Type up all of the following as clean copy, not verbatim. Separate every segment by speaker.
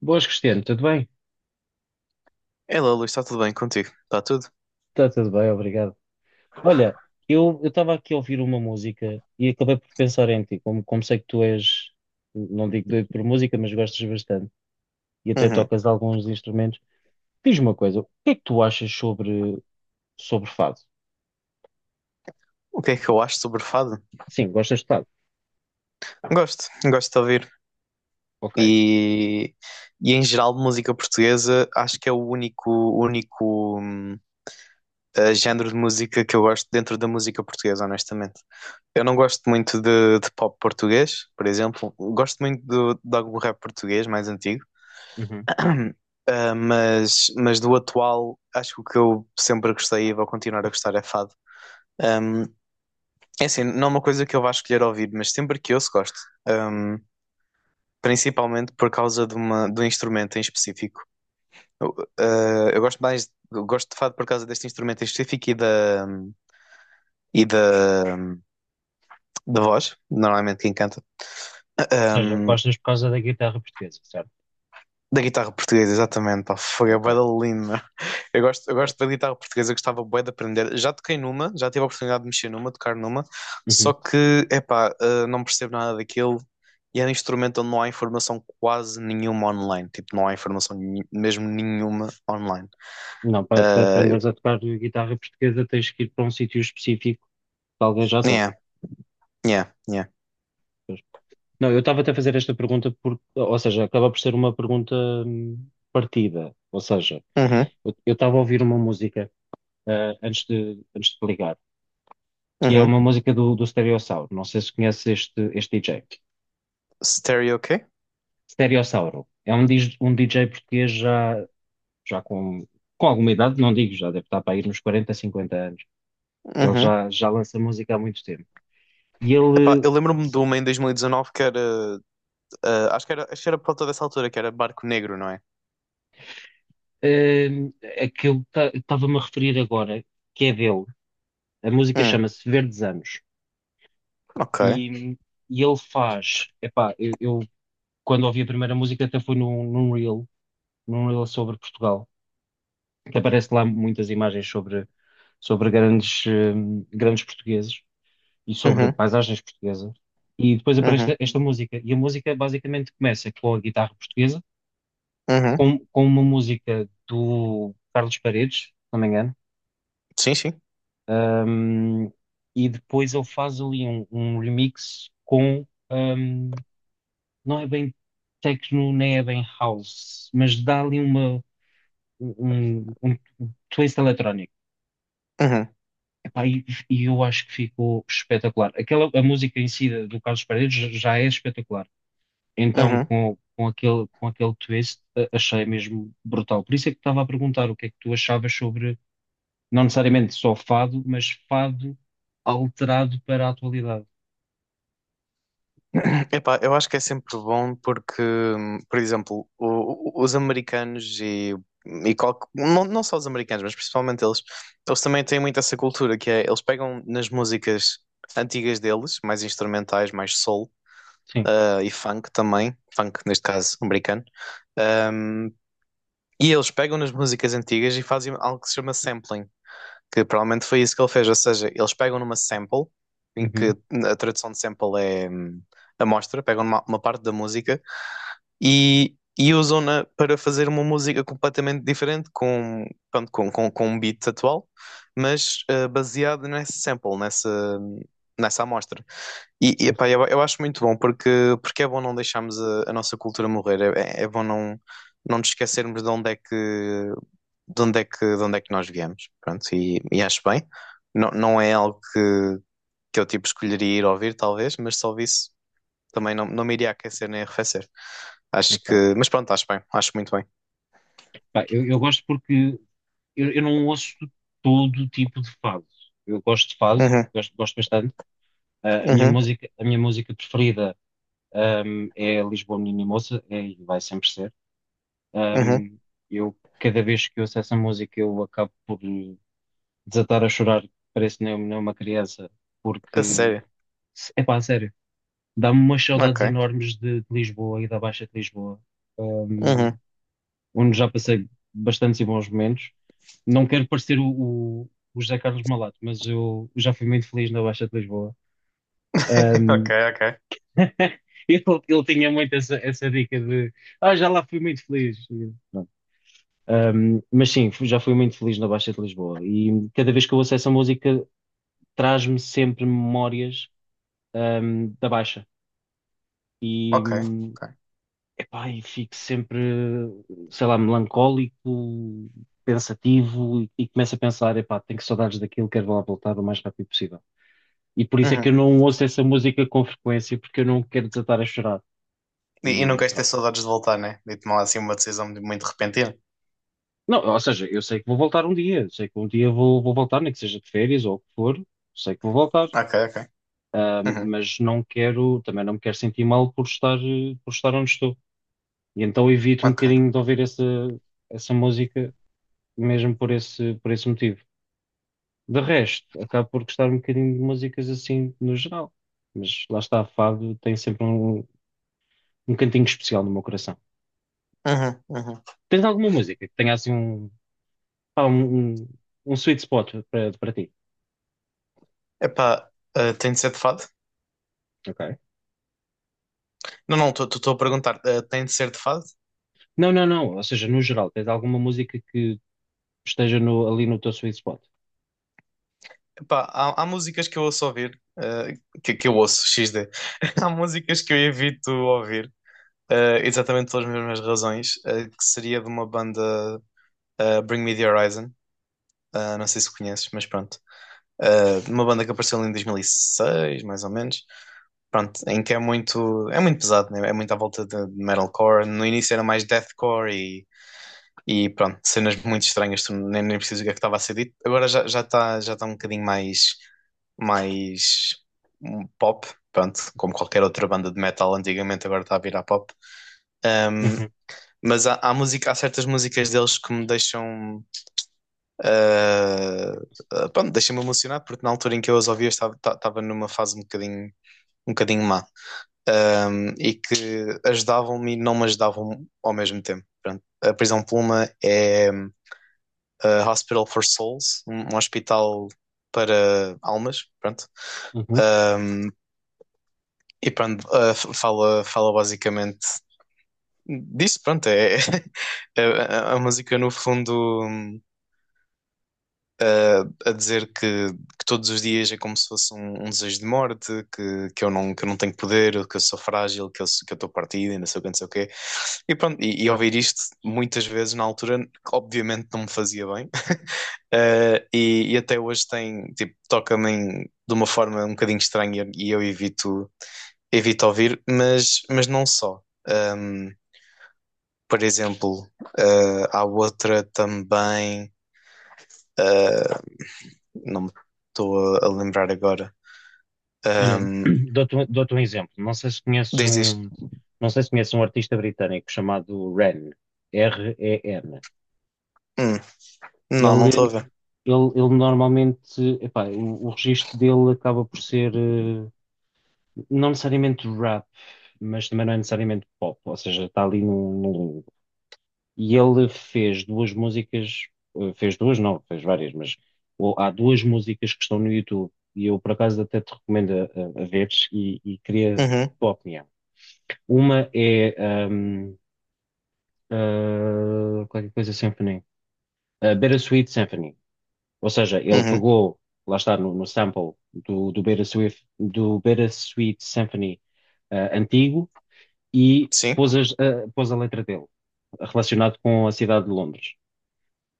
Speaker 1: Boas, Cristiano, tudo bem?
Speaker 2: Hello, Luís, está tudo bem contigo? Está tudo?
Speaker 1: Está tudo bem, obrigado. Olha, eu estava aqui a ouvir uma música e acabei por pensar em ti, como, como sei que tu és, não digo doido por música, mas gostas bastante e até
Speaker 2: Uhum.
Speaker 1: tocas alguns instrumentos. Diz-me uma coisa, o que é que tu achas sobre, sobre fado?
Speaker 2: O que é que eu acho sobre fado?
Speaker 1: Sim, gostas de fado,
Speaker 2: Gosto, gosto de ouvir.
Speaker 1: ok.
Speaker 2: E, e em geral, música portuguesa, acho que é o único, único hum, género de música que eu gosto dentro da música portuguesa, honestamente. Eu não gosto muito de pop português, por exemplo. Gosto muito do, de algum rap português mais antigo.
Speaker 1: Uhum. Ou uhum.
Speaker 2: Mas do atual, acho que o que eu sempre gostei e vou continuar a gostar é fado. Hum, É assim, não é uma coisa que eu vá escolher ouvir, mas sempre que ouço gosto. Ahm, Principalmente por causa de, uma, de um instrumento em específico. Eu gosto mais, eu gosto de fado por causa deste instrumento em específico e da voz, normalmente quem canta.
Speaker 1: Seja,
Speaker 2: Ahm,
Speaker 1: gostas por causa da guitarra portuguesa, certo?
Speaker 2: Da guitarra portuguesa, exatamente. Pá, fogo, é
Speaker 1: Ok.
Speaker 2: bué da. Eu
Speaker 1: Yeah.
Speaker 2: gosto da guitarra portuguesa, gostava bué de aprender. Já toquei numa, já tive a oportunidade de mexer numa, tocar numa, só
Speaker 1: Uhum.
Speaker 2: que, não percebo nada daquilo e é um instrumento onde não há informação quase nenhuma online. Tipo, não há mesmo nenhuma online.
Speaker 1: Não, para, para
Speaker 2: Uh,
Speaker 1: aprenderes a tocar guitarra portuguesa tens que ir para um sítio específico que alguém já toca.
Speaker 2: yeah, yeah, yeah.
Speaker 1: Não, eu estava até a fazer esta pergunta, por, ou seja, acaba por ser uma pergunta partida. Ou seja,
Speaker 2: Uhum,
Speaker 1: eu estava a ouvir uma música antes de te ligar, que é
Speaker 2: uhum.
Speaker 1: uma música do, do Stereossauro. Não sei se conheces este, este DJ.
Speaker 2: Stereo, ok?
Speaker 1: Stereossauro é um, dis- um DJ português já, já com alguma idade, não digo, já deve estar para ir nos 40, 50 anos, que ele
Speaker 2: Uhum.
Speaker 1: já, já lança música há muito tempo. E
Speaker 2: Epá,
Speaker 1: ele,
Speaker 2: eu lembro-me de uma em 2019 que era, acho que era por volta dessa altura, que era Barco Negro, não é?
Speaker 1: hum, aquilo que estava-me a referir agora, que é dele. A música
Speaker 2: Hum,
Speaker 1: chama-se Verdes Anos.
Speaker 2: ok.
Speaker 1: E, e ele faz, epá, eu quando ouvi a primeira música até foi num, num reel sobre Portugal, que aparece lá muitas imagens sobre, sobre grandes, grandes portugueses e sobre
Speaker 2: Uhum,
Speaker 1: paisagens portuguesas. E depois aparece
Speaker 2: uhum,
Speaker 1: esta, esta música. E a música basicamente começa com a guitarra portuguesa,
Speaker 2: uhum.
Speaker 1: com uma música do Carlos Paredes, se não me engano,
Speaker 2: Sim, sim.
Speaker 1: hum, e depois ele faz ali um, um remix com. Não é bem techno, nem é bem house, mas dá ali uma, um, um twist eletrónico.
Speaker 2: Uhum,
Speaker 1: Epá, e eu acho que ficou espetacular. Aquela, a música em si do Carlos Paredes já já é espetacular. Então,
Speaker 2: uhum.
Speaker 1: com aquele twist, a- achei mesmo brutal. Por isso é que estava a perguntar o que é que tu achavas sobre, não necessariamente só fado, mas fado alterado para a atualidade.
Speaker 2: Epá, eu acho que é sempre bom porque, por exemplo, os americanos não, não só os americanos, mas principalmente eles, eles também têm muito essa cultura que é, eles pegam nas músicas antigas deles, mais instrumentais, mais soul,
Speaker 1: Sim.
Speaker 2: e funk também, funk neste caso americano, ahm, e eles pegam nas músicas antigas e fazem algo que se chama sampling, que provavelmente foi isso que ele fez, ou seja, eles pegam numa sample, em que
Speaker 1: Uhum.
Speaker 2: a tradução de sample é amostra, pegam numa, uma parte da música e usam-na para fazer uma música completamente diferente, com, pronto, com um beat atual, mas baseado nessa sample, nessa amostra. E,
Speaker 1: Sim.
Speaker 2: eu acho muito bom, porque, porque é bom não deixarmos a nossa cultura morrer, é, é é bom não, não nos esquecermos de onde é que nós viemos, pronto, e acho bem. Não, não é algo que eu tipo escolheria ir ouvir, talvez, mas se ouvisse também não, não me iria aquecer nem arrefecer. Acho que,
Speaker 1: Ok.
Speaker 2: mas pronto, acho bem, acho muito bem.
Speaker 1: Pá, eu gosto porque eu não ouço todo tipo de fado. Eu gosto de fado,
Speaker 2: Uhum,
Speaker 1: gosto, gosto bastante. Ah,
Speaker 2: uhum,
Speaker 1: a minha música preferida, é Lisboa Menina e Moça, é, e vai sempre ser.
Speaker 2: uhum.
Speaker 1: Ahm, eu, cada vez que ouço essa música, eu acabo por desatar a chorar, parece nem, nem uma criança,
Speaker 2: A
Speaker 1: porque,
Speaker 2: sério,
Speaker 1: é pá, sério, dá-me umas saudades
Speaker 2: ok,
Speaker 1: enormes de Lisboa e da Baixa de Lisboa,
Speaker 2: uhum.
Speaker 1: ahm, onde já passei bastantes e bons momentos. Não quero parecer o José Carlos Malato, mas eu, já fui muito feliz na Baixa de Lisboa.
Speaker 2: Ok,
Speaker 1: Ahm,
Speaker 2: ok,
Speaker 1: ele tinha muito essa, essa dica de ah, já lá fui muito feliz. E, pronto. Mas sim, fu- já fui muito feliz na Baixa de Lisboa e cada vez que eu ouço essa música traz-me sempre memórias, da Baixa. E,
Speaker 2: ok, ok.
Speaker 1: epá, e fico sempre, sei lá, melancólico, pensativo e começo a pensar, epá, tenho que saudades daquilo, quero lá voltar o mais rápido possível. E por isso é que eu
Speaker 2: Uhum.
Speaker 1: não ouço essa música com frequência, porque eu não quero desatar a chorar.
Speaker 2: E não
Speaker 1: E
Speaker 2: queres ter
Speaker 1: pronto.
Speaker 2: saudades de voltar, né? De tomar assim uma decisão muito, muito repentina.
Speaker 1: Não, ou seja, eu sei que vou voltar um dia, sei que um dia vou, vou voltar, nem que seja de férias ou o que for, sei que vou voltar,
Speaker 2: Ok, ok. Uhum,
Speaker 1: mas não quero, também não me quero sentir mal por estar, por estar onde estou. E então evito um
Speaker 2: ok.
Speaker 1: bocadinho de ouvir essa, essa música, mesmo por esse motivo. De resto, acabo por gostar um bocadinho de músicas assim no geral, mas lá está, fado tem sempre um, um cantinho especial no meu coração.
Speaker 2: Uhum, uhum.
Speaker 1: Tens alguma música que tenha assim um, pá, um sweet spot para para ti.
Speaker 2: Epá, tem de ser de fado?
Speaker 1: Ok.
Speaker 2: Não, não, estou a perguntar, tem de ser de fado?
Speaker 1: Não, não, não. Ou seja, no geral, tens alguma música que esteja no- ali no teu sweet spot.
Speaker 2: Pá, há, há músicas que eu ouço ouvir, que eu ouço, XD. Há músicas que eu evito ouvir, exatamente pelas mesmas razões, que seria de uma banda, Bring Me The Horizon, não sei se conheces, mas pronto. Uma banda que apareceu ali em 2006, mais ou menos. Pronto, em que é muito pesado, né? É muito à volta de metalcore. No início era mais deathcore e pronto, cenas muito estranhas, tu nem, nem preciso ver o que é que estava a ser dito. Agora já está um bocadinho mais, mais pop, pronto, como qualquer outra banda de metal antigamente, agora está a virar pop. Ahm,
Speaker 1: Uhum,
Speaker 2: mas há, há, música, há certas músicas deles que me deixam. ah, Pronto, deixam-me emocionado, porque na altura em que eu as ouvia estava numa fase um bocadinho má. E que ajudavam-me e não me ajudavam ao mesmo tempo. Pronto. A Prisão Pluma é Hospital for Souls, um hospital para almas, pronto.
Speaker 1: uhum.
Speaker 2: Um, e pronto, fala, fala basicamente disso, pronto, é, é a música no fundo um, a, dizer que todos os dias é como se fosse um, um desejo de morte, que eu não tenho poder, que eu sou frágil, que eu estou partido e não sei o que, não sei o quê. E pronto, e ouvir isto muitas vezes na altura, obviamente não me fazia bem. E, e até hoje tem, tipo, de uma forma um bocadinho estranha e eu evito, evito ouvir, mas não só. Um, por exemplo, há outra também, uh, não me estou a lembrar agora.
Speaker 1: Olha,
Speaker 2: Um,
Speaker 1: dou-te um exemplo. Não sei se conheces
Speaker 2: Diz, diz.
Speaker 1: um, não sei se conheces um artista britânico chamado Ren, Ren.
Speaker 2: Hum, não, não
Speaker 1: Ele,
Speaker 2: estou a ver.
Speaker 1: ele, ele normalmente, epá, o registro dele acaba por ser, não necessariamente rap, mas também não é necessariamente pop. Ou seja, está ali num, e ele fez duas músicas, eh, fez duas, não, fez várias, mas o- há duas músicas que estão no YouTube e eu por acaso até te recomendo a veres e queria a
Speaker 2: Uhum,
Speaker 1: tua opinião. Uma é ahm, qualquer coisa Symphony, a Bittersweet Symphony, ou seja, ele
Speaker 2: uhum.
Speaker 1: pegou, lá está no, no sample do, do Bittersweet Symphony antigo e
Speaker 2: Sim,
Speaker 1: pôs, as- ah, pôs a letra dele, relacionado com a cidade de Londres.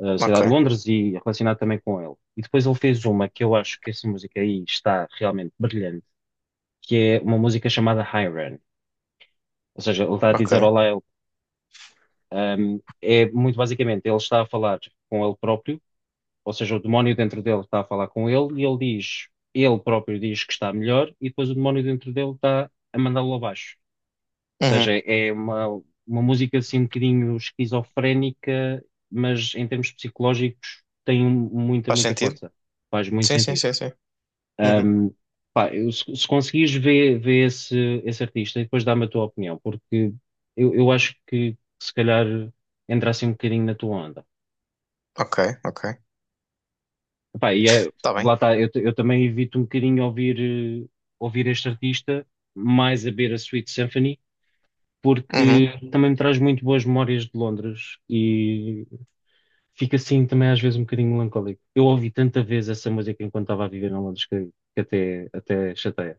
Speaker 1: Eh, a
Speaker 2: ok,
Speaker 1: Cidade de Londres e relacionado também com ele. E depois ele fez uma que eu acho que essa música aí está realmente brilhante, que é uma música chamada Hiren. Ou seja, ele está a
Speaker 2: ok.
Speaker 1: dizer olá a ele. Um, é muito basicamente, ele está a falar com ele próprio, ou seja, o demónio dentro dele está a falar com ele e ele diz, ele próprio diz que está melhor e depois o demónio dentro dele está a mandá-lo abaixo. Seja,
Speaker 2: Uhum.
Speaker 1: é uma música assim um bocadinho esquizofrénica, mas em termos psicológicos tem um, muita,
Speaker 2: Faz
Speaker 1: muita
Speaker 2: sentido?
Speaker 1: força. Faz muito
Speaker 2: Sim, sim,
Speaker 1: sentido.
Speaker 2: sim, sim. Uhum.
Speaker 1: Ahm, pá, eu- se conseguires ver, ver esse, esse artista e depois dá-me a tua opinião, porque eu acho que se calhar entra assim um bocadinho na tua onda.
Speaker 2: Ok, ok.
Speaker 1: Epá, e é-
Speaker 2: Tá bem.
Speaker 1: lá está, eu, t- eu também evito um bocadinho ouvir, ouvir este artista, mais a ver a Sweet Symphony
Speaker 2: Uhum,
Speaker 1: porque também me traz muito boas memórias de Londres e fica assim também às vezes um bocadinho melancólico. Eu ouvi tanta vez essa música enquanto estava a viver em Londres que até, até chateia.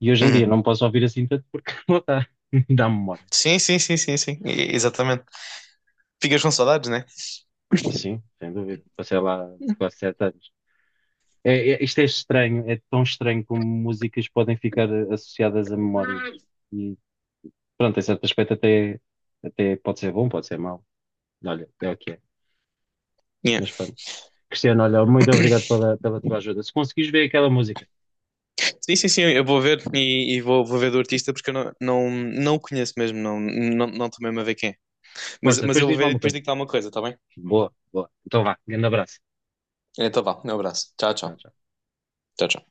Speaker 1: E hoje em dia
Speaker 2: uhum.
Speaker 1: não posso ouvir assim tanto porque não dá, dá memória.
Speaker 2: Sim, sim, sim, sim, sim. E- exatamente. Ficas com saudades, né?
Speaker 1: Sim, sem dúvida. Passei lá quase 7 anos. É, é- isto é estranho, é tão estranho como músicas podem ficar associadas a memórias. E pronto, em certo aspecto até, até pode ser bom, pode ser mau. Olha, é o que é.
Speaker 2: Yeah.
Speaker 1: Mas pronto. Cristiano, olha, muito obrigado pela, pela tua ajuda. Se conseguires ver aquela música,
Speaker 2: Sim, sim, sim, eu vou ver e vou, vou ver do artista porque eu não, não, não o conheço mesmo, não, não, não estou mesmo a ver quem é.
Speaker 1: força,
Speaker 2: Mas
Speaker 1: depois
Speaker 2: eu vou
Speaker 1: diz-me
Speaker 2: ver e
Speaker 1: alguma
Speaker 2: depois
Speaker 1: coisa.
Speaker 2: digo-te alguma coisa, está bem?
Speaker 1: Boa, boa. Então vá, grande abraço.
Speaker 2: Então vá, um abraço. Tchau,
Speaker 1: Tchau.
Speaker 2: tchau.
Speaker 1: Tchau.
Speaker 2: Tchau, tchau.